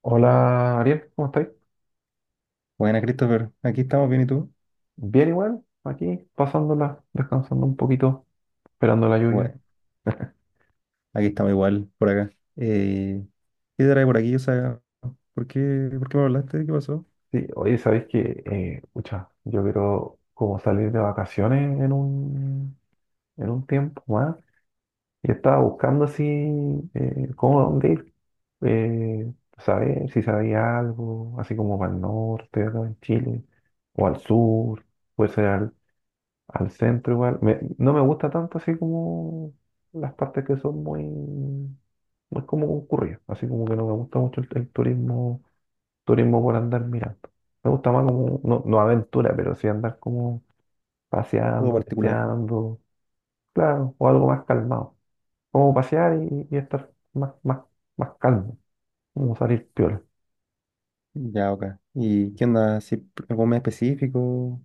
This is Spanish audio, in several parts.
Hola Ariel, ¿cómo estáis? Buena, Christopher. Aquí estamos bien, ¿y tú? Bien igual, aquí pasándola, descansando un poquito, esperando la Qué lluvia. bueno, aquí estamos igual, por acá. Eh, ¿Qué te trae por aquí? O sea, ¿por qué me hablaste? ¿Qué pasó? Sí, oye, ¿sabéis que, pucha, yo quiero como salir de vacaciones en un tiempo más? Y estaba buscando así, cómo, dónde ir, eh, saber si sabía algo, así como para el norte, acá en Chile, o al sur, puede ser al centro igual. Me- no me gusta tanto así como las partes que son muy. No es como concurrido, así como que no me gusta mucho el turismo, turismo por andar mirando. Me gusta más como, no, no aventura, pero sí andar como Algo paseando, particular. leseando, claro, o algo más calmado. Como pasear y estar más calmo, como salir piola. Ya, ok. ¿Y qué onda? ¿Si pr- algún mes específico?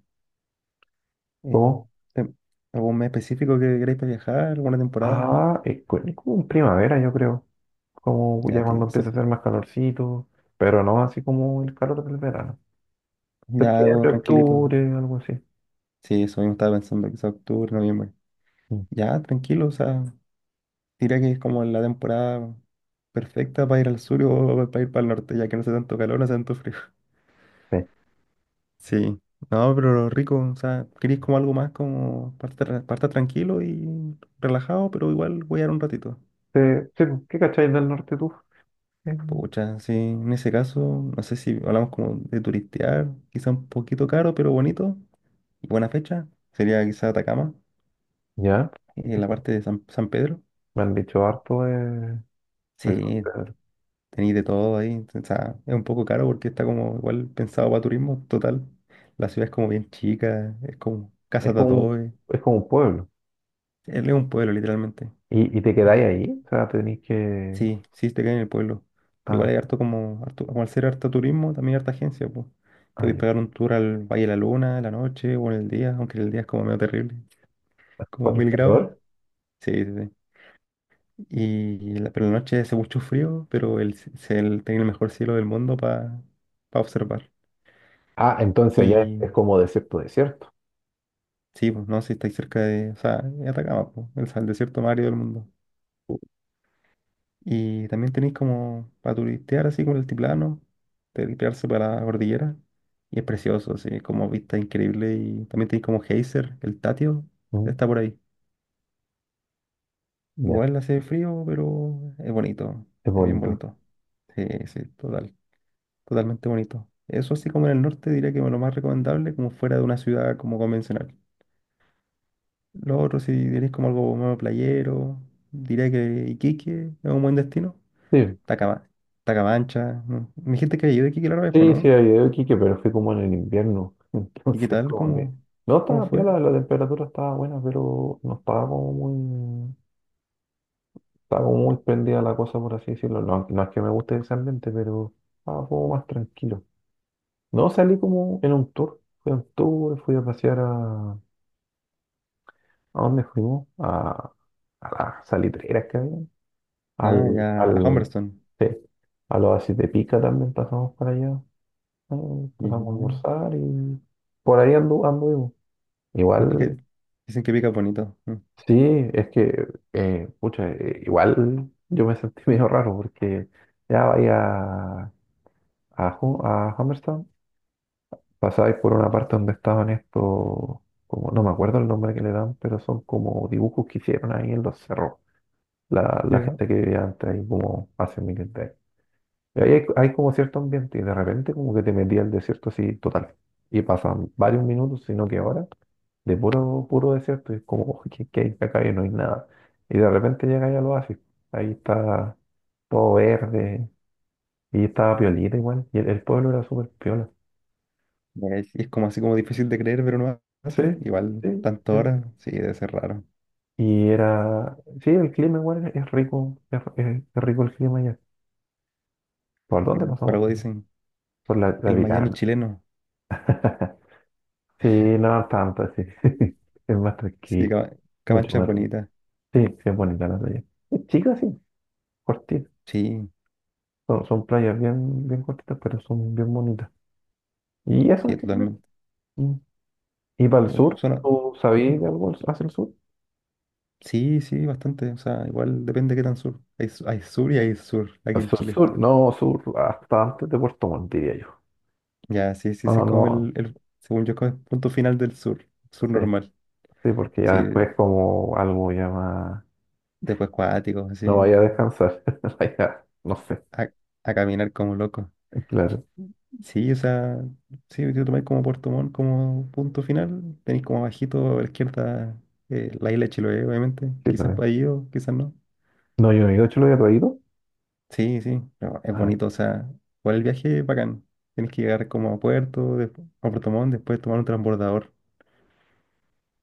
Eh, Como, tem- ¿Algún mes específico que queréis para viajar? ¿Alguna temporada? ah, es como en primavera, yo creo, como Ya, ya tío, cuando empieza a hacer más calorcito, pero no así como el calor del verano. ya algo Septiembre, tranquilito. octubre, algo así. Sí, eso mismo estaba pensando, quizás octubre, noviembre. Mm. Ya, tranquilo, o sea, diría que es como la temporada perfecta para ir al sur o para ir para el norte, ya que no hace tanto calor, no hace tanto frío. Sí. Sí, no, pero rico, o sea, queréis como algo más como para estar tranquilo y relajado, pero igual voy a dar un ratito. Sí, sí, pues, ¿qué cacháis del norte tú? Pucha, sí, en ese caso, no sé si hablamos como de turistear, quizá un poquito caro, pero bonito y buena fecha, sería quizá Atacama, ¿Ya? en Sí, la sí. parte de San Pedro. Me han dicho harto de San Sí, Pedro. tenéis de todo ahí, o sea, es un poco caro porque está como igual pensado para turismo, total. La ciudad es como bien chica, es como casa Es de como un, adobe, es como un pueblo. es un pueblo literalmente. Y te quedáis Y ahí? O sea, tenéis que... sí, sí, te queda en el pueblo. Pero igual Ah, hay harto como, como al ser harto turismo, también harta agencia, pues. Te voy a ahí, pegar un tour al Valle de la Luna en la noche o en el día, aunque en el día es como medio terrible, como por el mil grados. calor. Sí, sí, sí. Y la, pero en la noche hace mucho frío, pero el, c- se- el- tiene el mejor cielo del mundo para observar. Ah, entonces allá es Y como desierto, desierto. sí, pues no, si estáis cerca de, o sea, de Atacama, pues, el desierto más árido del mundo. Y también tenéis como para turistear así como el altiplano, turistearse para la cordillera. Y es precioso, así como vista increíble. Y también tenéis como geyser, el Tatio, que Mm. está por ahí. Ya, Igual hace frío, pero es bonito, es es bien bonito. bonito. Sí, sí, total, totalmente bonito. Eso así como en el norte diría que es lo más recomendable, como fuera de una ciudad como convencional. Lo otro, si diréis como algo más playero, diría que Iquique es un buen destino. Sí, Tacama- Tacamancha. ¿No? Me dijiste que había ido de Iquique la otra vez, pues, sí, sí, ¿no? había ido a Iquique, pero fui como en el invierno. ¿Y qué Entonces, tal? como que... ¿Cómo, No cómo estaba fue? piola, la temperatura estaba buena, pero no estaba como muy... Estaba como muy prendida la cosa, por así decirlo. No, no es que me guste ese ambiente, pero estaba como más tranquilo. No, salí como en un tour. Fui a un tour, fui a pasear a... ¿A dónde fuimos? A las salitreras que había. Ah, Al, ya, a al, Humberstone. sí, al oasis de Pica también pasamos para allá. Pasamos a Ya. almorzar y por ahí anduvimos. Pues Igual, pica- dicen que pica bonito. Mm. sí, es que, pucha, igual yo me sentí medio raro porque ya vaya a, a, a Humberstown pasáis por una parte donde estaban estos, como no me acuerdo el nombre que le dan, pero son como dibujos que hicieron ahí en los cerros, la Ya. gente que vivía antes ahí como hace miles de años. Y ahí hay, hay como cierto ambiente y de repente como que te metí al desierto así total. Y pasan varios minutos, sino que ahora, de puro desierto, y es como, "Oh, ¿qué, qué hay acá?" Y no hay nada. Y de repente llegáis al oasis, ahí está todo verde, y estaba piolita igual, y el pueblo era súper piola. Ya, es como así como difícil de creer, pero no Sí, así. Igual, sí, tantas sí. horas, sí, debe ser raro. Y era, sí, el clima igual es rico, es rico el clima ya. ¿Por Sí. dónde Por pasamos? algo dicen, Por la el Miami Vaticano. chileno. Sí, no tanto, sí. Es más Sí, tranquilo, mucho Camancha es más tranquilo. bonita. Sí, sí, es bonita la playa. Es chica, sí, cortita. Sí, Son, son playas bien, bien cortitas, pero son bien bonitas. Y eso sí, en general. totalmente. Mm. ¿Y para el Uf, sur? suena. ¿Tú ¿Mm? sabías de algo hacia el sur? Sí, sí, bastante. O sea, igual depende de qué tan sur. Hay sur y hay sur aquí en Sur, Chile. sur, no, sur, hasta antes de Puerto Montt, diría yo. Ya, sí, sí, ese No, es como no, el, según yo, como el punto final del sur, sur sí, normal. sí, porque ya Sí, después como algo ya más. después cuáticos, así, No vaya a descansar. Vaya, no sé. a, a caminar como loco. Claro. Sí, o sea, sí, yo tomé como Puerto Montt como punto final, tenéis como bajito a la izquierda la isla de Chiloé, obviamente, Sí, quizás también para ahí o quizás no. no, yo no hecho lo había traído. Sí, sí, pero es Ay, sí, bonito, o sea, por el viaje bacán. Tienes que llegar como a Puerto, después, a Puerto Montt, después tomar un transbordador.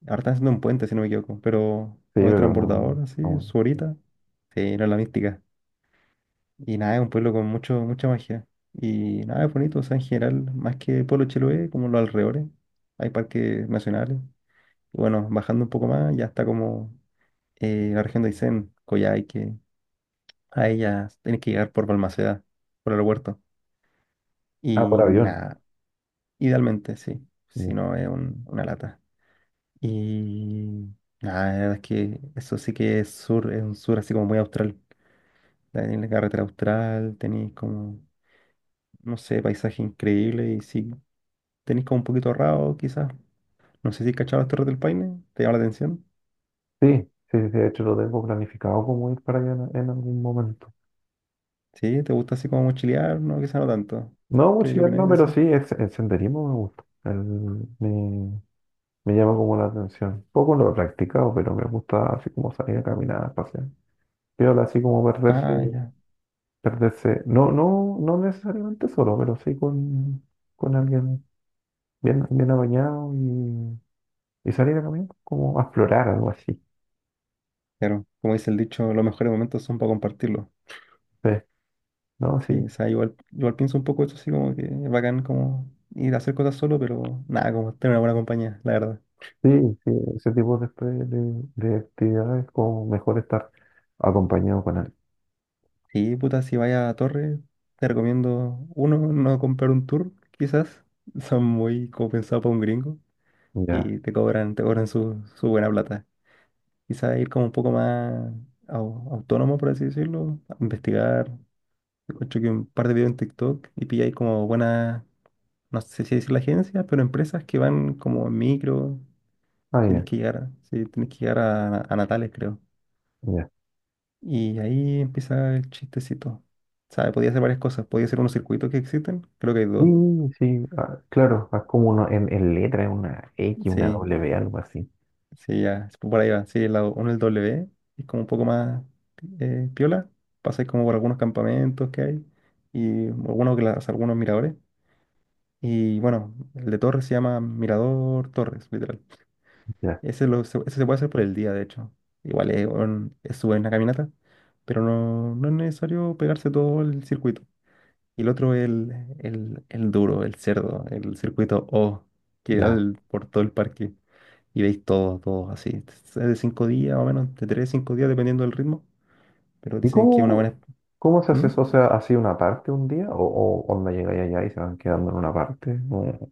Ahora están haciendo un puente, si no me equivoco, pero no hay pero no transbordador, así, aún. su horita. Sí, era la mística. Y nada, es un pueblo con mucha magia. Y nada, es bonito, o sea, en general, más que Pueblo Chiloé, como los alrededores, hay parques nacionales. Y bueno, bajando un poco más, ya está como la región de Aysén, Coyhaique. A ella tienes que llegar por Balmaceda, por el aeropuerto. Ah, por Y avión. nada, idealmente, sí. Si Ya. no, es una lata. Y nada, la verdad es que eso sí que es sur, es un sur así como muy austral. Tenéis la carretera austral, tenéis como, no sé, paisaje increíble y sí, tenéis como un poquito ahorrado quizás. No sé si cachabas las Torres del Paine, ¿te llama la atención? Sí, sí, sí, sí, de hecho lo tengo planificado como ir para allá en algún momento. Sí, ¿te gusta así como mochilear? No, quizás no tanto. No, ¿Qué mochilar opináis no, de pero eso? sí, el senderismo me gusta. Me llama como la atención. Poco no lo he practicado, pero me gusta así como salir a caminar, pasear. Piola, así como Ah, ya. perderse. No, no, no necesariamente solo, pero sí con alguien bien, bien apañado y salir a caminar como a explorar algo así. Claro, como dice el dicho, los mejores momentos son para compartirlos. Sí, no, sí, Sí, o sea, igual pienso un poco eso así como que es bacán como ir a hacer cosas solo, pero nada, como tener una buena compañía, la verdad. sí, sí, ese tipo de actividades como mejor estar acompañado con alguien. Sí, puta, si vaya a Torre, te recomiendo, uno, no comprar un tour, quizás. Son muy como pensados para un gringo Ya, y te cobran su buena plata. Quizás ir como un poco más autónomo, por así decirlo, a investigar. Escucho que un par de videos en TikTok y pilláis como buenas, no sé si decir la agencia, pero empresas que van como en micro. ah, Tenés ya, que llegar, sí, tenés que llegar a Natales, creo. ya. Y ahí empieza el chistecito. ¿Sabes? Podía hacer varias cosas. Podía hacer unos circuitos que existen. Creo que hay dos. Sí, sí, ah, claro, es como uno en letra, es una X, una Sí, W, algo así. sí, ya. Es por ahí va. Sí, el lado uno, el W, es como un poco más piola. Pasáis como por algunos campamentos que hay y algunos miradores. Y bueno, el de Torres se llama Mirador Torres, literal. Ya, Ese se puede hacer por el día, de hecho. Igual es una caminata, pero no es necesario pegarse todo el circuito. Y el otro es el duro, el cerdo, el circuito O, que da ya. Por todo el parque. Y veis todo, todo así. Es de 5 días, o menos, de 3, 5 días, dependiendo del ritmo. Pero ¿Y dicen que es una cómo, buena... cómo se hace ¿Mm? eso? O sea, ¿así una parte un día? O onda llegáis allá y se van quedando en una parte? ¿Cómo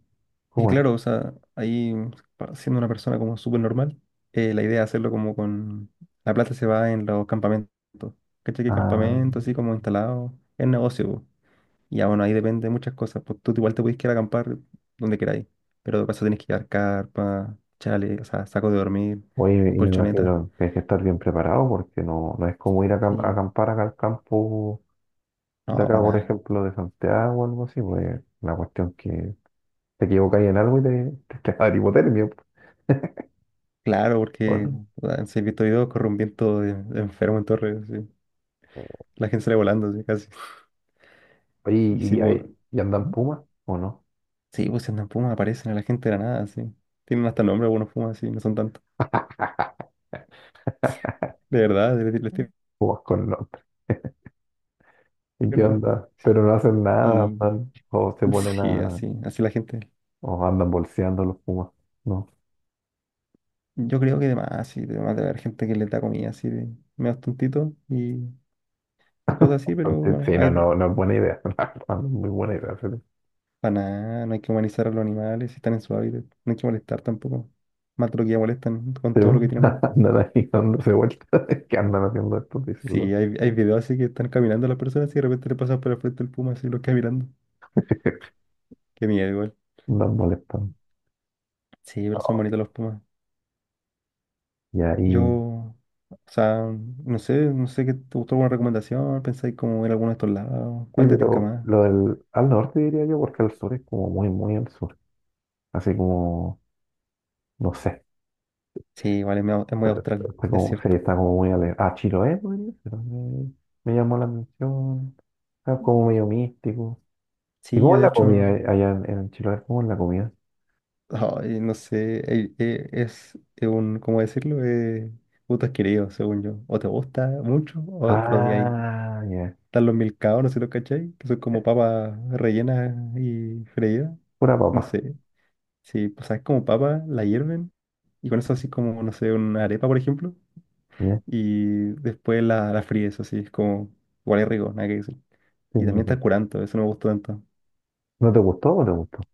Y cómo es? claro, o sea, ahí, siendo una persona como súper normal, la idea es hacerlo como con... La plata se va en los campamentos. ¿Cachai? Que Ah. campamentos así como instalados. Es negocio, po. Ya bueno, ahí depende de muchas cosas. Pues tú igual te puedes quedar a acampar donde queráis. Pero de paso tienes que llevar carpa, chale, o sea, saco de dormir, Oye, y me colchoneta. imagino que hay que estar bien preparado porque no, no es como ir a, a Sí. acampar acá al campo No, de acá, para por nada. ejemplo, de Santiago o algo así, pues la cuestión que te equivocáis en algo y te va a dar hipotermia. Claro, Po, ¿o porque no? puta, si he visto videos corre un viento de enfermo en torres sí. La gente sale volando, sí, casi. Oye, Y sí, y, pues. hay- y andan ¿Mm? pumas o no? Sí, pues si andan pumas aparecen a la gente de la nada, sí. Tienen hasta nombre algunos pumas, sí, no son tantos. De verdad, les tienen Pumas con norte. ¿Y qué nombre. onda? Pero no hacen nada, Y andan- o se ponen sí, a, así, así la gente. o andan bolseando los pumas, ¿no? Yo creo que además, sí, además debe haber gente que le da comida así de medio tontito y cosas así, pero Antes- bueno, Sí, no, hay de- no, no es buena idea, no es muy buena idea. Para nada, no hay que humanizar a los animales, si están en su hábitat, no hay que molestar tampoco. Más de lo que ya molestan con Sí, todo lo po. que tienen ahí. Andan ahí dándose vueltas. ¿Qué andan haciendo estos Sí, discípulos? hay videos así que están caminando las personas y de repente le pasan por el frente el puma así los queda mirando. Qué miedo igual. Andan molestando. Sí, pero son bonitos los pumas. Y Yo, ahí. o sea, no sé qué te gustó alguna recomendación, pensáis como ir a alguno de estos lados, Sí, cuál te tinca pero más. lo del. Al norte diría yo, porque al sur es como muy, muy al sur. Así como. No sé. Sí, igual es muy austral, Está es como, sí, cierto. está como muy ah, Chiloé, podría ser. Me llamó la atención. Está como medio místico. ¿Y Sí, cómo yo es de la comida hecho, allá en Chiloé? ¿Cómo es la comida? ay, no sé, es un, ¿cómo decirlo? Gusto adquirido, según yo. O te gusta mucho o lo odias. Ah, ya. Están los milcaos, no sé si los cachai, que son como Eh, papas rellenas y freídas. pura No papa. sé, sí, pues sabes, como papas, la hierven y con eso así como, no sé, una arepa, por ejemplo, Ya, y después la fríes, así, es como, igual es rico, nada que decir. sí, me Y también está imagino. el curanto, eso no me gustó tanto. ¿No te gustó o no te gustó?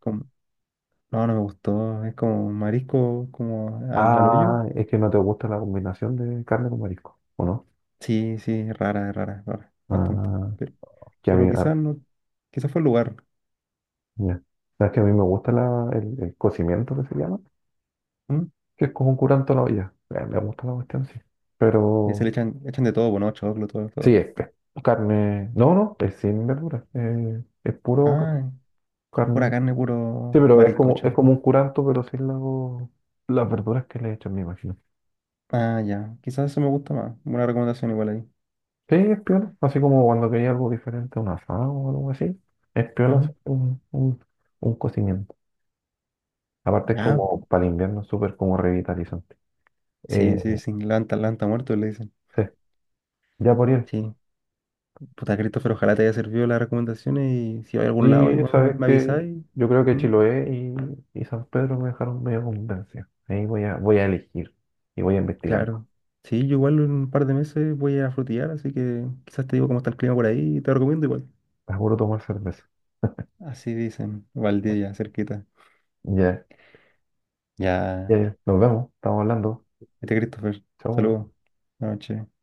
No, no me gustó. Es como marisco, como al hoyo. Ah, es que no te gusta la combinación de carne con marisco, ¿o no? Sí, sí, es rara, es rara, es rara, bastante. Ah, Pero, que a mí, pero quizás ah, no, quizás fue el lugar. ya. Sabes que a mí me gusta la, el cocimiento que se llama, ¿Mm? que es como un curanto a la olla. Me gusta la cuestión, sí. Y se Pero le echan de todo, bueno, choclo, todo, sí, todo. Es carne. No, no, es sin verduras. Es Ah, pura carne. carne, Sí, puro pero marisco, es chao. como un curanto, pero sin la- las verduras que le echan, me imagino. Ah, ya, quizás eso me gusta más. Buena recomendación igual ahí. Sí, es piola. Así como cuando quería algo diferente, un asado o algo así. Es piola Ujú. hacer un cocimiento. Aparte es Ya, como para el invierno súper como revitalizante. Eh, sí, sí, sí, lanta muerto le dicen. sí, ya por ir. Sí, puta Christopher, ojalá te haya servido las recomendaciones y si va a algún lado, Y igual me, sabes me que avisáis. yo creo que Chiloé y San Pedro me dejaron medio convencia. Ahí voy a, voy a elegir y voy a investigar. Claro. Sí, yo igual en un par de meses voy a frutillar, así que quizás te digo cómo está el clima por ahí y te recomiendo igual. Seguro tomar cerveza. Así dicen, Valdivia, cerquita. Ya, Ya, ya, ya. Nos vemos. Estamos hablando. este Christopher, Chau. saludos. Buenas noches.